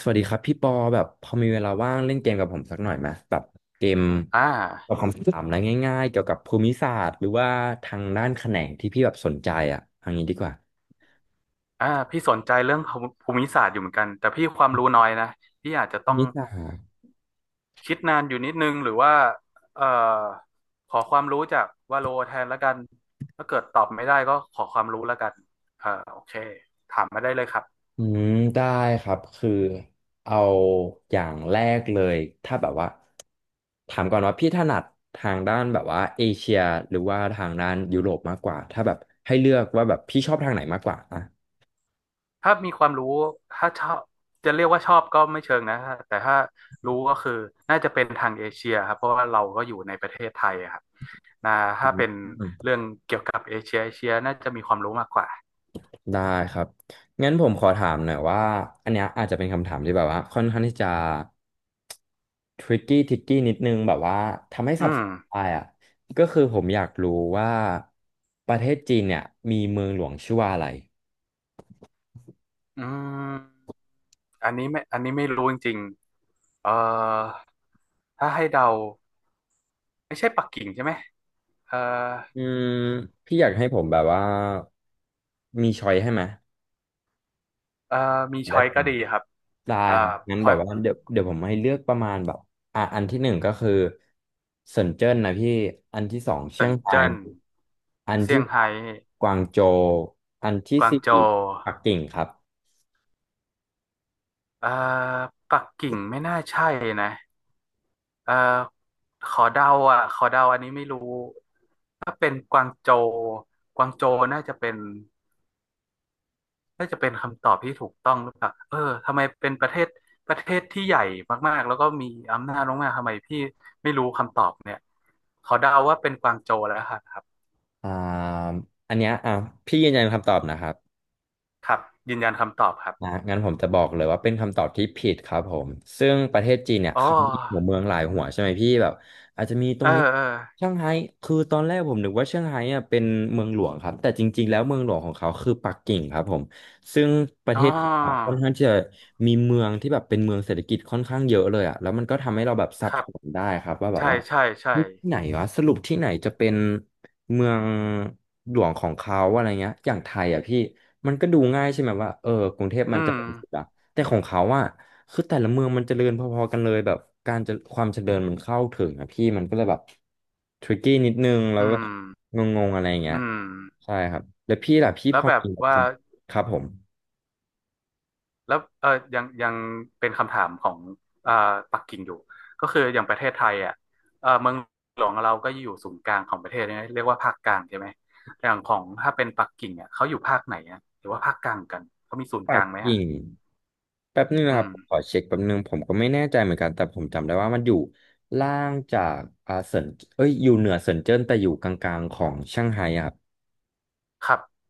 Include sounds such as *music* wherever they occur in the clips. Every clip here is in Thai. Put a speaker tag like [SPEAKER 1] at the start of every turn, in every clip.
[SPEAKER 1] สวัสดีครับพี่ปอแบบพอมีเวลาว่างเล่นเกมกับผมสักหน่อยไหมแบบเกม
[SPEAKER 2] อ่
[SPEAKER 1] ตอบ
[SPEAKER 2] า
[SPEAKER 1] คำถามอะไรง่ายๆเกี่ยวกับภูมิศาสตร์หรือว่าทางด้านแขนงที่พี่แบบสนใจอ่ะเอย่างนี้ดีกว่า
[SPEAKER 2] อ่าพี่สนใจเรื่องภูมิศาสตร์อยู่เหมือนกันแต่พี่ความรู้น้อยนะพี่อาจจะ
[SPEAKER 1] ภู
[SPEAKER 2] ต้อง
[SPEAKER 1] มิศาสตร์
[SPEAKER 2] คิดนานอยู่นิดนึงหรือว่าเอ่อขอความรู้จากวาโลแทนแล้วกันถ้าเกิดตอบไม่ได้ก็ขอความรู้แล้วกันโอเคถามมาได้เลยครับ
[SPEAKER 1] อืมได้ครับคือเอาอย่างแรกเลยถ้าแบบว่าถามก่อนว่าพี่ถนัดทางด้านแบบว่าเอเชียหรือว่าทางด้านยุโรปมากกว่าถ้าแบบให้เลือกว่าแบบพี่ชอบทางไหนมากกว่าอ่ะ
[SPEAKER 2] ถ้ามีความรู้ถ้าชอบจะเรียกว่าชอบก็ไม่เชิงนะแต่ถ้ารู้ก็คือน่าจะเป็นทางเอเชียครับเพราะว่าเราก็อยู่ในประเทศไทยอะครับนะ
[SPEAKER 1] อื
[SPEAKER 2] ถ้าเป็นเรื่
[SPEAKER 1] ม
[SPEAKER 2] องเกี่ยวกับเอเชียเอเชียน่าจะมีความรู้มากกว่า
[SPEAKER 1] ได้ครับ งั้นผมขอถามหน่อยว่า อันเนี้ยอาจจะเป็นคำถามที่แบบว่าค่อนข้างที่จะทริกกี้ทิกกี้นิดนึงแบบว่าทำให้
[SPEAKER 2] อื
[SPEAKER 1] สับส
[SPEAKER 2] ม
[SPEAKER 1] นไปออะก็คือผมอยากรู้ว่าประเทศจีนเนี่ยมีเมืองหลวงชื่อว่าอะไร
[SPEAKER 2] อืมอันนี้ไม่อันนี้ไม่รู้จริงๆถ้าให้เดาไม่ใช่ปักกิ่งใช่ไหมเอ่อ
[SPEAKER 1] อืมพี่อยากให้ผมแบบว่ามีช้อยให้ไหม
[SPEAKER 2] เอ่อมี
[SPEAKER 1] ได้
[SPEAKER 2] ช้อยก็ดีครับ
[SPEAKER 1] ได้
[SPEAKER 2] อ่า
[SPEAKER 1] ครับงั้
[SPEAKER 2] พ
[SPEAKER 1] นแบ
[SPEAKER 2] อย
[SPEAKER 1] บว่าเดี๋ยวผมให้เลือกประมาณแบบอ่ะอันที่หนึ่งก็คือเซินเจิ้นนะพี่อันที่สองเชี
[SPEAKER 2] สั
[SPEAKER 1] ย
[SPEAKER 2] น
[SPEAKER 1] งราย
[SPEAKER 2] เจิ้น
[SPEAKER 1] อัน
[SPEAKER 2] เซี่ย
[SPEAKER 1] ที่
[SPEAKER 2] ง
[SPEAKER 1] สา
[SPEAKER 2] ไฮ้
[SPEAKER 1] มกวางโจวอันที่
[SPEAKER 2] กวาง
[SPEAKER 1] สี่
[SPEAKER 2] โจว
[SPEAKER 1] ปักกิ่งครับ
[SPEAKER 2] เอ่อปักกิ่งไม่น่าใช่นะเอ่อขอเดาอ่ะขอเดาอันนี้ไม่รู้ถ้าเป็นกวางโจวกวางโจวน่าจะเป็นคำตอบที่ถูกต้องหรือเปล่าเออทำไมเป็นประเทศประเทศที่ใหญ่มากๆแล้วก็มีอำนาจมากๆทำไมพี่ไม่รู้คำตอบเนี่ยขอเดาว่าเป็นกวางโจวแล้วครับครับ
[SPEAKER 1] อ่าอันเนี้ยอ่ะพี่ยืนยันคำตอบนะครับ
[SPEAKER 2] ครับยืนยันคำตอบครับ
[SPEAKER 1] นะงั้นผมจะบอกเลยว่าเป็นคำตอบที่ผิดครับผมซึ่งประเทศจีนเนี่ย
[SPEAKER 2] อ๋อ
[SPEAKER 1] เขามีหัวเมืองหลายหัวใช่ไหมพี่แบบอาจจะมีตร
[SPEAKER 2] เอ
[SPEAKER 1] ง
[SPEAKER 2] อ
[SPEAKER 1] นี้
[SPEAKER 2] เออ
[SPEAKER 1] เซี่ยงไฮ้คือตอนแรกผมนึกว่าเซี่ยงไฮ้เนี่ยเป็นเมืองหลวงครับแต่จริงๆแล้วเมืองหลวงของเขาคือปักกิ่งครับผมซึ่งประ
[SPEAKER 2] อ๋
[SPEAKER 1] เท
[SPEAKER 2] อ
[SPEAKER 1] ศเขาอะค่อนข้างที่จะมีเมืองที่แบบเป็นเมืองเศรษฐกิจค่อนข้างเยอะเลยอ่ะแล้วมันก็ทำให้เราแบบสั
[SPEAKER 2] ค
[SPEAKER 1] บ
[SPEAKER 2] รั
[SPEAKER 1] ส
[SPEAKER 2] บ
[SPEAKER 1] นได้ครับว่าแบบ
[SPEAKER 2] ใช่
[SPEAKER 1] ว่า
[SPEAKER 2] ใช่ใช่
[SPEAKER 1] เฮ้ยที่ไหนวะสรุปที่ไหนจะเป็นเมืองหลวงของเขาอะไรเงี้ยอย่างไทยอ่ะพี่ มันก็ดูง่ายใช่ไหมว่าเออกรุงเทพ
[SPEAKER 2] อื
[SPEAKER 1] มันเจ
[SPEAKER 2] ม
[SPEAKER 1] ริญสุดอะแต่ของเขาอะคือแต่ละเมืองมันเจริญพอๆกันเลยแบบการจะความเจริญมันเข้าถึงอะพี่มันก็เลยแบบทริกกี้นิดนึงแล้ว
[SPEAKER 2] อื
[SPEAKER 1] ก็
[SPEAKER 2] ม
[SPEAKER 1] งงๆอะไรอย่างเงี้ย
[SPEAKER 2] อืม
[SPEAKER 1] ใช่ครับแล้วพี่ล่ะพี่
[SPEAKER 2] แล้
[SPEAKER 1] พ
[SPEAKER 2] ว
[SPEAKER 1] อ
[SPEAKER 2] แบบ
[SPEAKER 1] มีค
[SPEAKER 2] ว่า
[SPEAKER 1] ำครับผม
[SPEAKER 2] แล้วเออยังยังเป็นคำถามของเอ่อปักกิ่งอยู่ก็คืออย่างประเทศไทยอ่ะเออเมืองหลวงเราก็อยู่ศูนย์กลางของประเทศเนี่ยเรียกว่าภาคกลางใช่ไหมอย่างของถ้าเป็นปักกิ่งอ่ะเขาอยู่ภาคไหนอ่ะหรือว่าภาคกลางกันเขามีศูนย์ก
[SPEAKER 1] ปั
[SPEAKER 2] ลา
[SPEAKER 1] ก
[SPEAKER 2] งไหมอ่ะ
[SPEAKER 1] กิ่งแป๊บนึงนะ
[SPEAKER 2] อื
[SPEAKER 1] ครับ
[SPEAKER 2] ม
[SPEAKER 1] ผมขอเช็คแป๊บนึงผมก็ไม่แน่ใจเหมือนกันแต่ผมจำได้ว่ามันอยู่ล่างจากอาเซินเอ้ยอยู่เหนือเซินเจิ้นแต่อยู่กลางๆของเซี่ยงไฮ้อะ
[SPEAKER 2] ครับ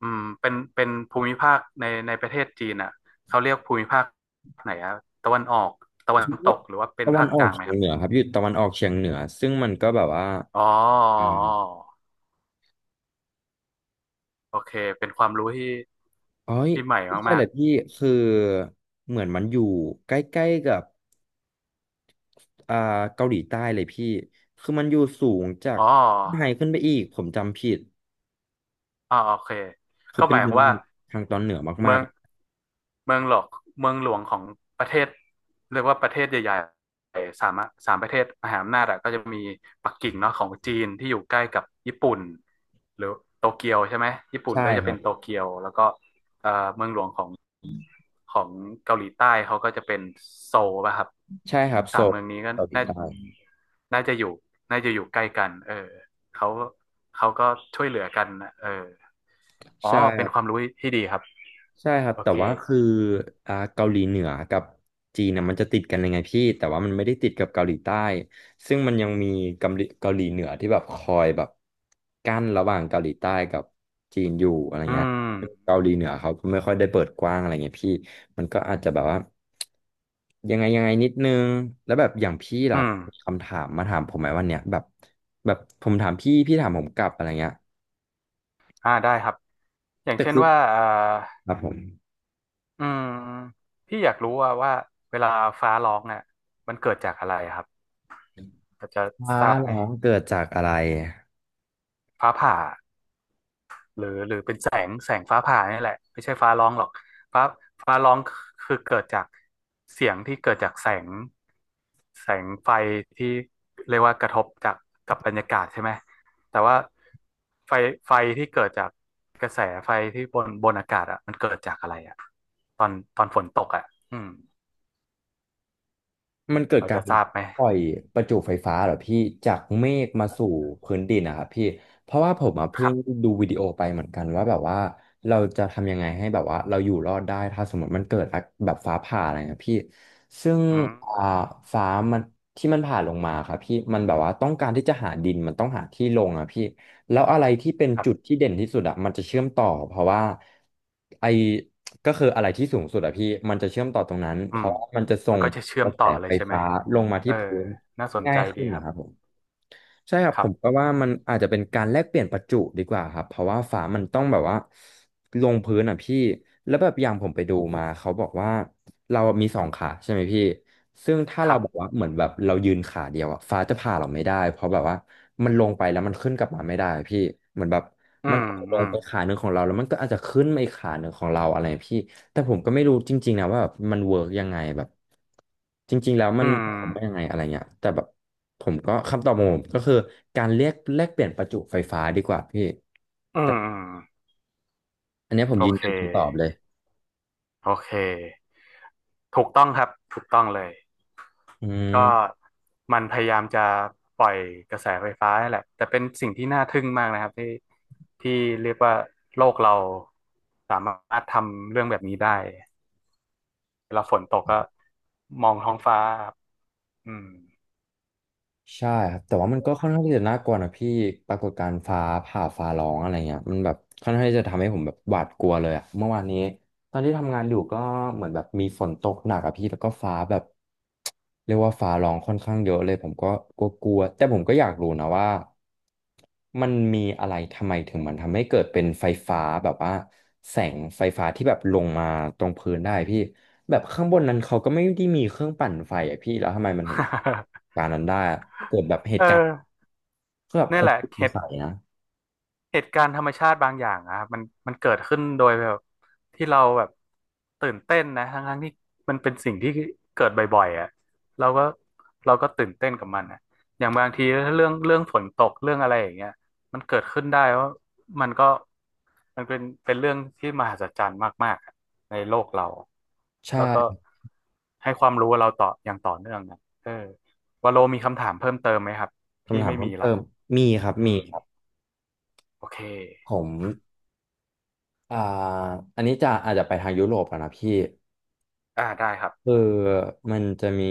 [SPEAKER 2] อืมเป็นเป็นภูมิภาคในประเทศจีนอ่ะเขาเรียกภูมิภาคไหนอ่ะตะวันออกตะ
[SPEAKER 1] *laughs*
[SPEAKER 2] วัน
[SPEAKER 1] คำ
[SPEAKER 2] ต
[SPEAKER 1] ว่า
[SPEAKER 2] กหรือว่าเป็น
[SPEAKER 1] ตะวั
[SPEAKER 2] ภา
[SPEAKER 1] น
[SPEAKER 2] ค
[SPEAKER 1] อ
[SPEAKER 2] ก
[SPEAKER 1] อก
[SPEAKER 2] ลางไหม
[SPEAKER 1] เฉี
[SPEAKER 2] ค
[SPEAKER 1] ยง
[SPEAKER 2] รับ
[SPEAKER 1] เหนือครับอยู่ตะวันออกเฉียงเหนือซึ่งมันก็แบบว่า
[SPEAKER 2] อ๋อ
[SPEAKER 1] อ่า
[SPEAKER 2] อ๋อโอเคเป็นความรู้ที่
[SPEAKER 1] เอ้ย
[SPEAKER 2] ที่ใหม่
[SPEAKER 1] ไม่ใช่
[SPEAKER 2] มา
[SPEAKER 1] เล
[SPEAKER 2] ก
[SPEAKER 1] ยพี่คือเหมือนมันอยู่ใกล้ๆกับอ่าเกาหลีใต้เลยพี่คือมันอยู่สูงจา
[SPEAKER 2] ๆ
[SPEAKER 1] ก
[SPEAKER 2] อ๋อ
[SPEAKER 1] ไฮขึ้นไปอีกผมจำผิด
[SPEAKER 2] อ่าโอเค
[SPEAKER 1] คือ
[SPEAKER 2] ก็
[SPEAKER 1] เป็
[SPEAKER 2] ห
[SPEAKER 1] น
[SPEAKER 2] มายค
[SPEAKER 1] เมือ
[SPEAKER 2] วามว่า
[SPEAKER 1] งทางตอนเหนือมา
[SPEAKER 2] เมื
[SPEAKER 1] ก
[SPEAKER 2] องเมืองหลอกเมืองหลวงของประเทศเรียกว่าประเทศใหญ่ๆสามอะสามประเทศมหาอำนาจอะก็จะมีปักกิ่งเนาะของจีนที่อยู่ใกล้กับญี่ปุ่นหรือโตเกียวใช่ไหมญี่
[SPEAKER 1] ๆ
[SPEAKER 2] ปุ่น
[SPEAKER 1] ใช่
[SPEAKER 2] ก็จะ
[SPEAKER 1] ครั
[SPEAKER 2] เป็น
[SPEAKER 1] บ
[SPEAKER 2] โตเกียวแล้วก็เมืองหลวงของของเกาหลีใต้เขาก็จะเป็นโซลป่ะครับ
[SPEAKER 1] ใช่ครับโซ
[SPEAKER 2] สาม
[SPEAKER 1] ล
[SPEAKER 2] เมืองนี้ก็
[SPEAKER 1] เกาหลี
[SPEAKER 2] น่า
[SPEAKER 1] ใต้
[SPEAKER 2] น่าจะอยู่น่าจะอยู่ใกล้กันเออ เขาเขาก็ช่วยเหลือกันนะเอออ๋อ
[SPEAKER 1] ใช่
[SPEAKER 2] เป็นความรู้ที่ดีครับ
[SPEAKER 1] ใช่ครับ
[SPEAKER 2] โอ
[SPEAKER 1] แต่
[SPEAKER 2] เค
[SPEAKER 1] ว่าคืออ่าเกาหลีเหนือกับจีนนะมันจะติดกันยังไงพี่แต่ว่ามันไม่ได้ติดกับเกาหลีใต้ซึ่งมันยังมีเกาหลีเหนือที่แบบคอยแบบกั้นระหว่างเกาหลีใต้กับจีนอยู่อะไร
[SPEAKER 2] อื
[SPEAKER 1] เงี้ย
[SPEAKER 2] ม
[SPEAKER 1] เกาหลีเหนือเขาก็ไม่ค่อยได้เปิดกว้างอะไรเงี้ยพี่มันก็อาจจะแบบว่ายังไงยังไงนิดนึงแล้วแบบอย่างพี่
[SPEAKER 2] อื
[SPEAKER 1] ล่ะ
[SPEAKER 2] ม
[SPEAKER 1] มีคำถามมาถามผมไหมวันเนี้ยแบบแบบผมถามพี่พี่ถามผมกลับอะไรเงี้ย
[SPEAKER 2] อ่าได้ครับ อย่าง
[SPEAKER 1] แต่
[SPEAKER 2] เช่น
[SPEAKER 1] คือ
[SPEAKER 2] ว่า
[SPEAKER 1] ครับผม
[SPEAKER 2] อืม พี่อยากรู้ว่าว่าเวลาฟ้าร้องอ่ะมันเกิดจากอะไรครับพอจะ
[SPEAKER 1] อ้า
[SPEAKER 2] ทราบ
[SPEAKER 1] เหร
[SPEAKER 2] ไหม
[SPEAKER 1] อเกิดจากอะไร
[SPEAKER 2] ฟ้าผ่า หรือหรือเป็นแสงแสงฟ้าผ่านี่แหละไม่ใช่ฟ้าร้องหรอกฟ้าฟ้าร้องคือเกิดจากเสียงที่เกิดจากแสงแสงไฟที่เรียกว่ากระทบจากกับบรรยากาศใช่ไหมแต่ว่าไฟไฟที่เกิดจากกระแสไฟที่บนบนอากาศอ่ะมันเกิดจากอะไรอ่ะตอนตอนฝนตกอ่ะอืม
[SPEAKER 1] มันเกิด
[SPEAKER 2] เรา
[SPEAKER 1] การ
[SPEAKER 2] จะทราบไหม
[SPEAKER 1] ปล่อยประจุไฟฟ้าเหรอพี่จากเมฆมาสู่พื้นดินนะครับพี่เพราะว่าผมอะ
[SPEAKER 2] ค
[SPEAKER 1] เพิ่
[SPEAKER 2] รั
[SPEAKER 1] ง
[SPEAKER 2] บ
[SPEAKER 1] ดูวิดีโอไปเหมือนกันว่าแบบว่าเราจะทำยังไงให้แบบว่าเราอยู่รอดได้ถ้าสมมติมันเกิดแบบฟ้าผ่าอะไรนะพี่ซึ่ง
[SPEAKER 2] อื
[SPEAKER 1] อ่า
[SPEAKER 2] ม
[SPEAKER 1] ฟ้ามันที่มันผ่าลงมาครับพี่มันแบบว่าต้องการที่จะหาดินมันต้องหาที่ลงอะพี่แล้วอะไรที่เป็น
[SPEAKER 2] ครั
[SPEAKER 1] จุด
[SPEAKER 2] บ
[SPEAKER 1] ที่เด่นที่สุดอะมันจะเชื่อมต่อเพราะว่าไอ ก็คืออะไรที่สูงสุดอะพี่มันจะเชื่อมต่อตรงนั้น
[SPEAKER 2] อื
[SPEAKER 1] เพ
[SPEAKER 2] ม
[SPEAKER 1] ราะมันจะส่
[SPEAKER 2] มัน
[SPEAKER 1] ง
[SPEAKER 2] ก็จะเชื่
[SPEAKER 1] ก
[SPEAKER 2] อม
[SPEAKER 1] ระแส
[SPEAKER 2] ต่อเล
[SPEAKER 1] ไฟ
[SPEAKER 2] ยใช่ไหม
[SPEAKER 1] ฟ้าลงมา
[SPEAKER 2] เอ
[SPEAKER 1] ที่
[SPEAKER 2] อ
[SPEAKER 1] พื้น
[SPEAKER 2] น่าสน
[SPEAKER 1] ง่า
[SPEAKER 2] ใจ
[SPEAKER 1] ย
[SPEAKER 2] ดี
[SPEAKER 1] ขึ้น
[SPEAKER 2] ค
[SPEAKER 1] นะ
[SPEAKER 2] รับ
[SPEAKER 1] ครับผมใช่ครับ
[SPEAKER 2] ค
[SPEAKER 1] ผ
[SPEAKER 2] รั
[SPEAKER 1] ม
[SPEAKER 2] บ
[SPEAKER 1] ก็ว่ามันอาจจะเป็นการแลกเปลี่ยนประจุดีกว่าครับเพราะว่าฝามันต้องแบบว่าลงพื้นอ่ะพี่แล้วแบบอย่างผมไปดูมาเขาบอกว่าเรามีสองขาใช่ไหมพี่ซึ่งถ้า
[SPEAKER 2] ค
[SPEAKER 1] เรา
[SPEAKER 2] รั
[SPEAKER 1] บอกว่า
[SPEAKER 2] บ
[SPEAKER 1] เหมือนแบบเรายืนขาเดียวอ่ะฟ้าจะผ่าเราไม่ได้เพราะแบบว่ามันลงไปแล้วมันขึ้นกลับมาไม่ได้อะพี่เหมือนแบบ
[SPEAKER 2] อื
[SPEAKER 1] มัน
[SPEAKER 2] ม
[SPEAKER 1] อาจจะล
[SPEAKER 2] อื
[SPEAKER 1] ง
[SPEAKER 2] ม
[SPEAKER 1] ไปขาหนึ่งของเราแล้วมันก็อาจจะขึ้นมาอีกขาหนึ่งของเราอะไรพี่ แต่ผมก็ไม่รู้จริงๆนะว่าแบบมันเวิร์กยังไงแบบจริงๆแล้วมั
[SPEAKER 2] อื
[SPEAKER 1] นห
[SPEAKER 2] ม
[SPEAKER 1] มายว่ายังไงอะไรเงี้ยแต่แบบผมก็คำตอบของผมก็คือการเรียกแลกเปลี่ยนประจุไฟฟ้าดีกว่าพี่
[SPEAKER 2] อื
[SPEAKER 1] แต่
[SPEAKER 2] มอืม
[SPEAKER 1] อันเนี้ยผม
[SPEAKER 2] โอ
[SPEAKER 1] ยืน
[SPEAKER 2] เค
[SPEAKER 1] ยันคำตอบเลย
[SPEAKER 2] โอเค ถูกต้องครับ ถูกต้องเลย
[SPEAKER 1] อื
[SPEAKER 2] ก็
[SPEAKER 1] ม
[SPEAKER 2] มันพยายามจะปล่อยกระแสไฟฟ้าแหละแต่เป็นสิ่งที่น่าทึ่งมากนะครับที่ที่เรียกว่าโลกเราสามารถทำเรื่องแบบนี้ได้ เวลาฝนตกก็มองท้องฟ้าครับอืม
[SPEAKER 1] ใช่ครับแต่ว่ามันก็ค่อนข้างที่จะน่ากลัวนะพี่ปรากฏการณ์ฟ้าผ่าฟ้าร้องอะไรเงี้ยมันแบบค่อนข้างที่จะทำให้ผมแบบหวาดกลัวเลยอะเมื่อวานนี้ตอนที่ทำงานอยู่ก็เหมือนแบบมีฝนตกหนักอะพี่แล้วก็ฟ้าแบบเรียกว่าฟ้าร้องค่อนข้างเยอะเลยผมก็กลัวๆแต่ผมก็อยากรู้นะว่ามันมีอะไรทำไมถึงมันทำให้เกิดเป็นไฟฟ้าแบบว่าแสงไฟฟ้าที่แบบลงมาตรงพื้นได้พี่ แบบข้างบนนั้นเขาก็ไม่ได้มีเครื่องปั่นไฟอะพี่แล้วทำไมมันถึง
[SPEAKER 2] *laughs*
[SPEAKER 1] การนั้นได้อะเกิดแบบเห
[SPEAKER 2] เออ
[SPEAKER 1] ตุการณ์ก็แบบผ
[SPEAKER 2] นี่
[SPEAKER 1] ม
[SPEAKER 2] แหละ
[SPEAKER 1] ส
[SPEAKER 2] เห
[SPEAKER 1] ง
[SPEAKER 2] ตุ
[SPEAKER 1] สัยนะ
[SPEAKER 2] เหตุการณ์ธรรมชาติบางอย่างอะครับมันมันเกิดขึ้นโดยแบบที่เราแบบตื่นเต้นนะทั้งทั้งที่มันเป็นสิ่งที่เกิดบ่อยๆอ่ะเราก็เราก็ตื่นเต้นกับมันอะอย่างบางทีถ้าเรื่องเรื่องฝนตกเรื่องอะไรอย่างเงี้ยมันเกิดขึ้นได้ว่ามันก็มันเป็นเป็นเรื่องที่มหัศจรรย์มากๆอะในโลกเราแล้วก็
[SPEAKER 1] ใช่
[SPEAKER 2] ให้ความรู้เราต่ออย่างต่อเนื่องนะเออวาโลมีคำถามเพิ่มเติมไหมครับพี่
[SPEAKER 1] คำถาม
[SPEAKER 2] ไม่
[SPEAKER 1] เพิ่
[SPEAKER 2] มี
[SPEAKER 1] ม
[SPEAKER 2] ละ
[SPEAKER 1] เติมมีครับ
[SPEAKER 2] อื
[SPEAKER 1] มี
[SPEAKER 2] ม
[SPEAKER 1] ครับ
[SPEAKER 2] โอเค
[SPEAKER 1] ผม อ่าอันนี้จะอาจจะไปทางยุโรปแล้วนะพี่
[SPEAKER 2] อ่าได้ครับ
[SPEAKER 1] คือมันจะมี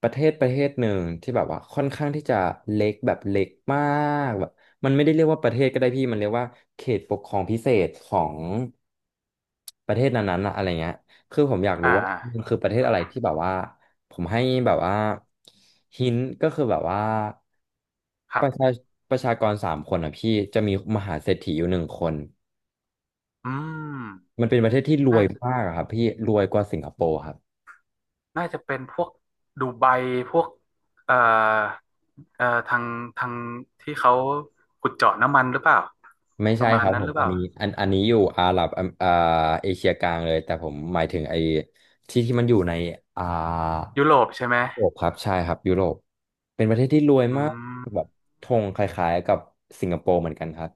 [SPEAKER 1] ประเทศหนึ่งที่แบบว่าค่อนข้างที่จะเล็กแบบเล็กมากแบบมันไม่ได้เรียกว่าประเทศก็ได้พี่มันเรียกว่าเขตปกครองพิเศษของประเทศนั้นๆนะอะไรเงี้ยคือผมอยาก
[SPEAKER 2] อ่า
[SPEAKER 1] รู้ว่า
[SPEAKER 2] อ่า
[SPEAKER 1] มันคือประเทศอะไรที่แบบว่าผมให้แบบว่าหินก็คือแบบว่า
[SPEAKER 2] ค
[SPEAKER 1] ป
[SPEAKER 2] รับ
[SPEAKER 1] ระชาประชากร3 คนอ่ะพี่จะมีมหาเศรษฐีอยู่1 คน
[SPEAKER 2] อืม
[SPEAKER 1] มันเป็นประเทศที่รว
[SPEAKER 2] น่า
[SPEAKER 1] ย
[SPEAKER 2] จะ
[SPEAKER 1] มากอะครับพี่รวยกว่าสิงคโปร์ครับ
[SPEAKER 2] น่าจะเป็นพวกดูไบพวกเอ่อทางทางที่เขาขุดเจาะน้ำมันหรือเปล่า
[SPEAKER 1] ไม่
[SPEAKER 2] ป
[SPEAKER 1] ใช่
[SPEAKER 2] ระมา
[SPEAKER 1] ค
[SPEAKER 2] ณ
[SPEAKER 1] รับ
[SPEAKER 2] นั้
[SPEAKER 1] ผ
[SPEAKER 2] นห
[SPEAKER 1] ม
[SPEAKER 2] รือเป
[SPEAKER 1] อัน
[SPEAKER 2] ล่า
[SPEAKER 1] นี้อันนี้อยู่อาหรับอมเอเชียกลางเลยแต่ผมหมายถึงไอ้ที่ที่มันอยู่ในอ่า
[SPEAKER 2] ยุโรปใช่ไหม
[SPEAKER 1] ยุโรปครับใช่ครับยุโรปเป็นประเทศที่รวย
[SPEAKER 2] อื
[SPEAKER 1] มากแบ
[SPEAKER 2] ม
[SPEAKER 1] บธงคล้ายๆกับสิงคโปร์เหมือนกันครับ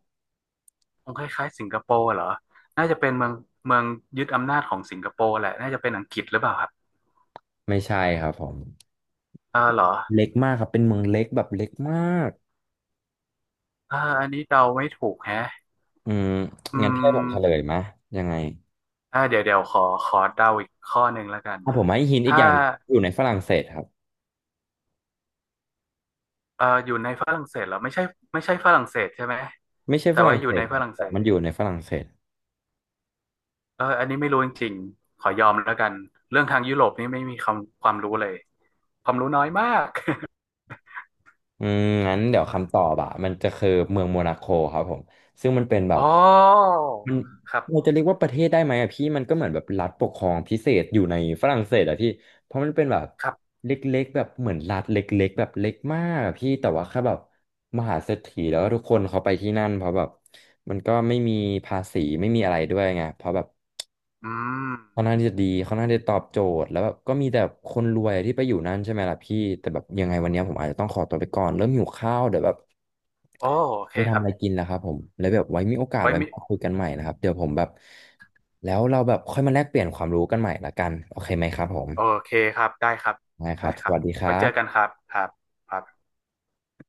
[SPEAKER 2] คงคล้ายๆสิงคโปร์เหรอน่าจะเป็นเมืองเมืองยึดอำนาจของสิงคโปร์แหละน่าจะเป็นอังกฤษหรือเปล่าครับ
[SPEAKER 1] ไม่ใช่ครับผม
[SPEAKER 2] เออเหรอ
[SPEAKER 1] เล็กมากครับเป็นเมืองเล็กแบบเล็กมาก
[SPEAKER 2] เอออันนี้เดาไม่ถูกแฮะ
[SPEAKER 1] อืม
[SPEAKER 2] อื
[SPEAKER 1] งั้นพี่ให้ผมเฉลย
[SPEAKER 2] ม
[SPEAKER 1] มะยังไง
[SPEAKER 2] อ่าเดี๋ยวเดี๋ยวขอขอเดาอีกข้อหนึ่งแล้วกัน
[SPEAKER 1] ถ้าผมให้หินอีก
[SPEAKER 2] ถ้า
[SPEAKER 1] อย่างหนึ่งอยู่ในฝรั่งเศสครับ
[SPEAKER 2] อยู่ในฝรั่งเศสเหรอไม่ใช่ไม่ใช่ฝรั่งเศสใช่ไหม
[SPEAKER 1] ไม่ใช่
[SPEAKER 2] แต่
[SPEAKER 1] ฝ
[SPEAKER 2] ว่า
[SPEAKER 1] รั่ง
[SPEAKER 2] อยู่
[SPEAKER 1] เศ
[SPEAKER 2] ใน
[SPEAKER 1] สค
[SPEAKER 2] ฝ
[SPEAKER 1] รับ
[SPEAKER 2] รั่ง
[SPEAKER 1] แต่
[SPEAKER 2] เศ
[SPEAKER 1] มัน
[SPEAKER 2] ส
[SPEAKER 1] อยู่ในฝรั่งเศส
[SPEAKER 2] เอออันนี้ไม่รู้จริงๆขอยอมแล้วกันเรื่องทางยุโรปนี่ไม่มีความความรู้เลยความรู้น้อยมาก
[SPEAKER 1] อืมงั้นเดี๋ยวคำตอบอะมันจะคือเมืองโมนาโคครับผมซึ่งมันเป็นแบ
[SPEAKER 2] *laughs* อ๋
[SPEAKER 1] บ
[SPEAKER 2] อ
[SPEAKER 1] มัน
[SPEAKER 2] ครับ
[SPEAKER 1] เราจะเรียกว่าประเทศได้ไหมอะพี่มันก็เหมือนแบบรัฐปกครองพิเศษอยู่ในฝรั่งเศสอะพี่เพราะมันเป็นแบบ
[SPEAKER 2] ครับ
[SPEAKER 1] เล็กๆแบบเหมือนรัฐเล็กๆแบบเล็กมากอะพี่แต่ว่าแค่แบบมหาเศรษฐีแล้วทุกคนเขาไปที่นั่นเพราะแบบมันก็ไม่มีภาษีไม่มีอะไรด้วยไงเพราะแบบ
[SPEAKER 2] อืม
[SPEAKER 1] ค่อนข้างที่จะดีค่อนข้างที่จะตอบโจทย์แล้วแบบก็มีแต่คนรวยที่ไปอยู่นั่นใช่ไหมล่ะพี่แต่แบบยังไงวันเนี้ยผมอาจจะต้องขอตัวไปก่อนเริ่มหิวข้าวเดี๋ยวแบบ
[SPEAKER 2] โอโอเค
[SPEAKER 1] ไป
[SPEAKER 2] ค
[SPEAKER 1] ทำ
[SPEAKER 2] รั
[SPEAKER 1] อะ
[SPEAKER 2] บ
[SPEAKER 1] ไรกินแล้วครับผมแล้วแบบไว้มีโอกาส
[SPEAKER 2] ไว้
[SPEAKER 1] ไว้
[SPEAKER 2] มี
[SPEAKER 1] มาคุยกันใหม่นะครับเดี๋ยวผมแบบแล้วเราแบบค่อยมาแลกเปลี่ยนความรู้กันใหม่ละกันโอเคไหมครับผม
[SPEAKER 2] โอเคครับได้ครับ
[SPEAKER 1] ได้ค
[SPEAKER 2] ได้
[SPEAKER 1] รับ
[SPEAKER 2] ค
[SPEAKER 1] ส
[SPEAKER 2] รับ
[SPEAKER 1] วัสดีค
[SPEAKER 2] ไว้
[SPEAKER 1] รั
[SPEAKER 2] เจอกันค
[SPEAKER 1] บ
[SPEAKER 2] รับครับครับ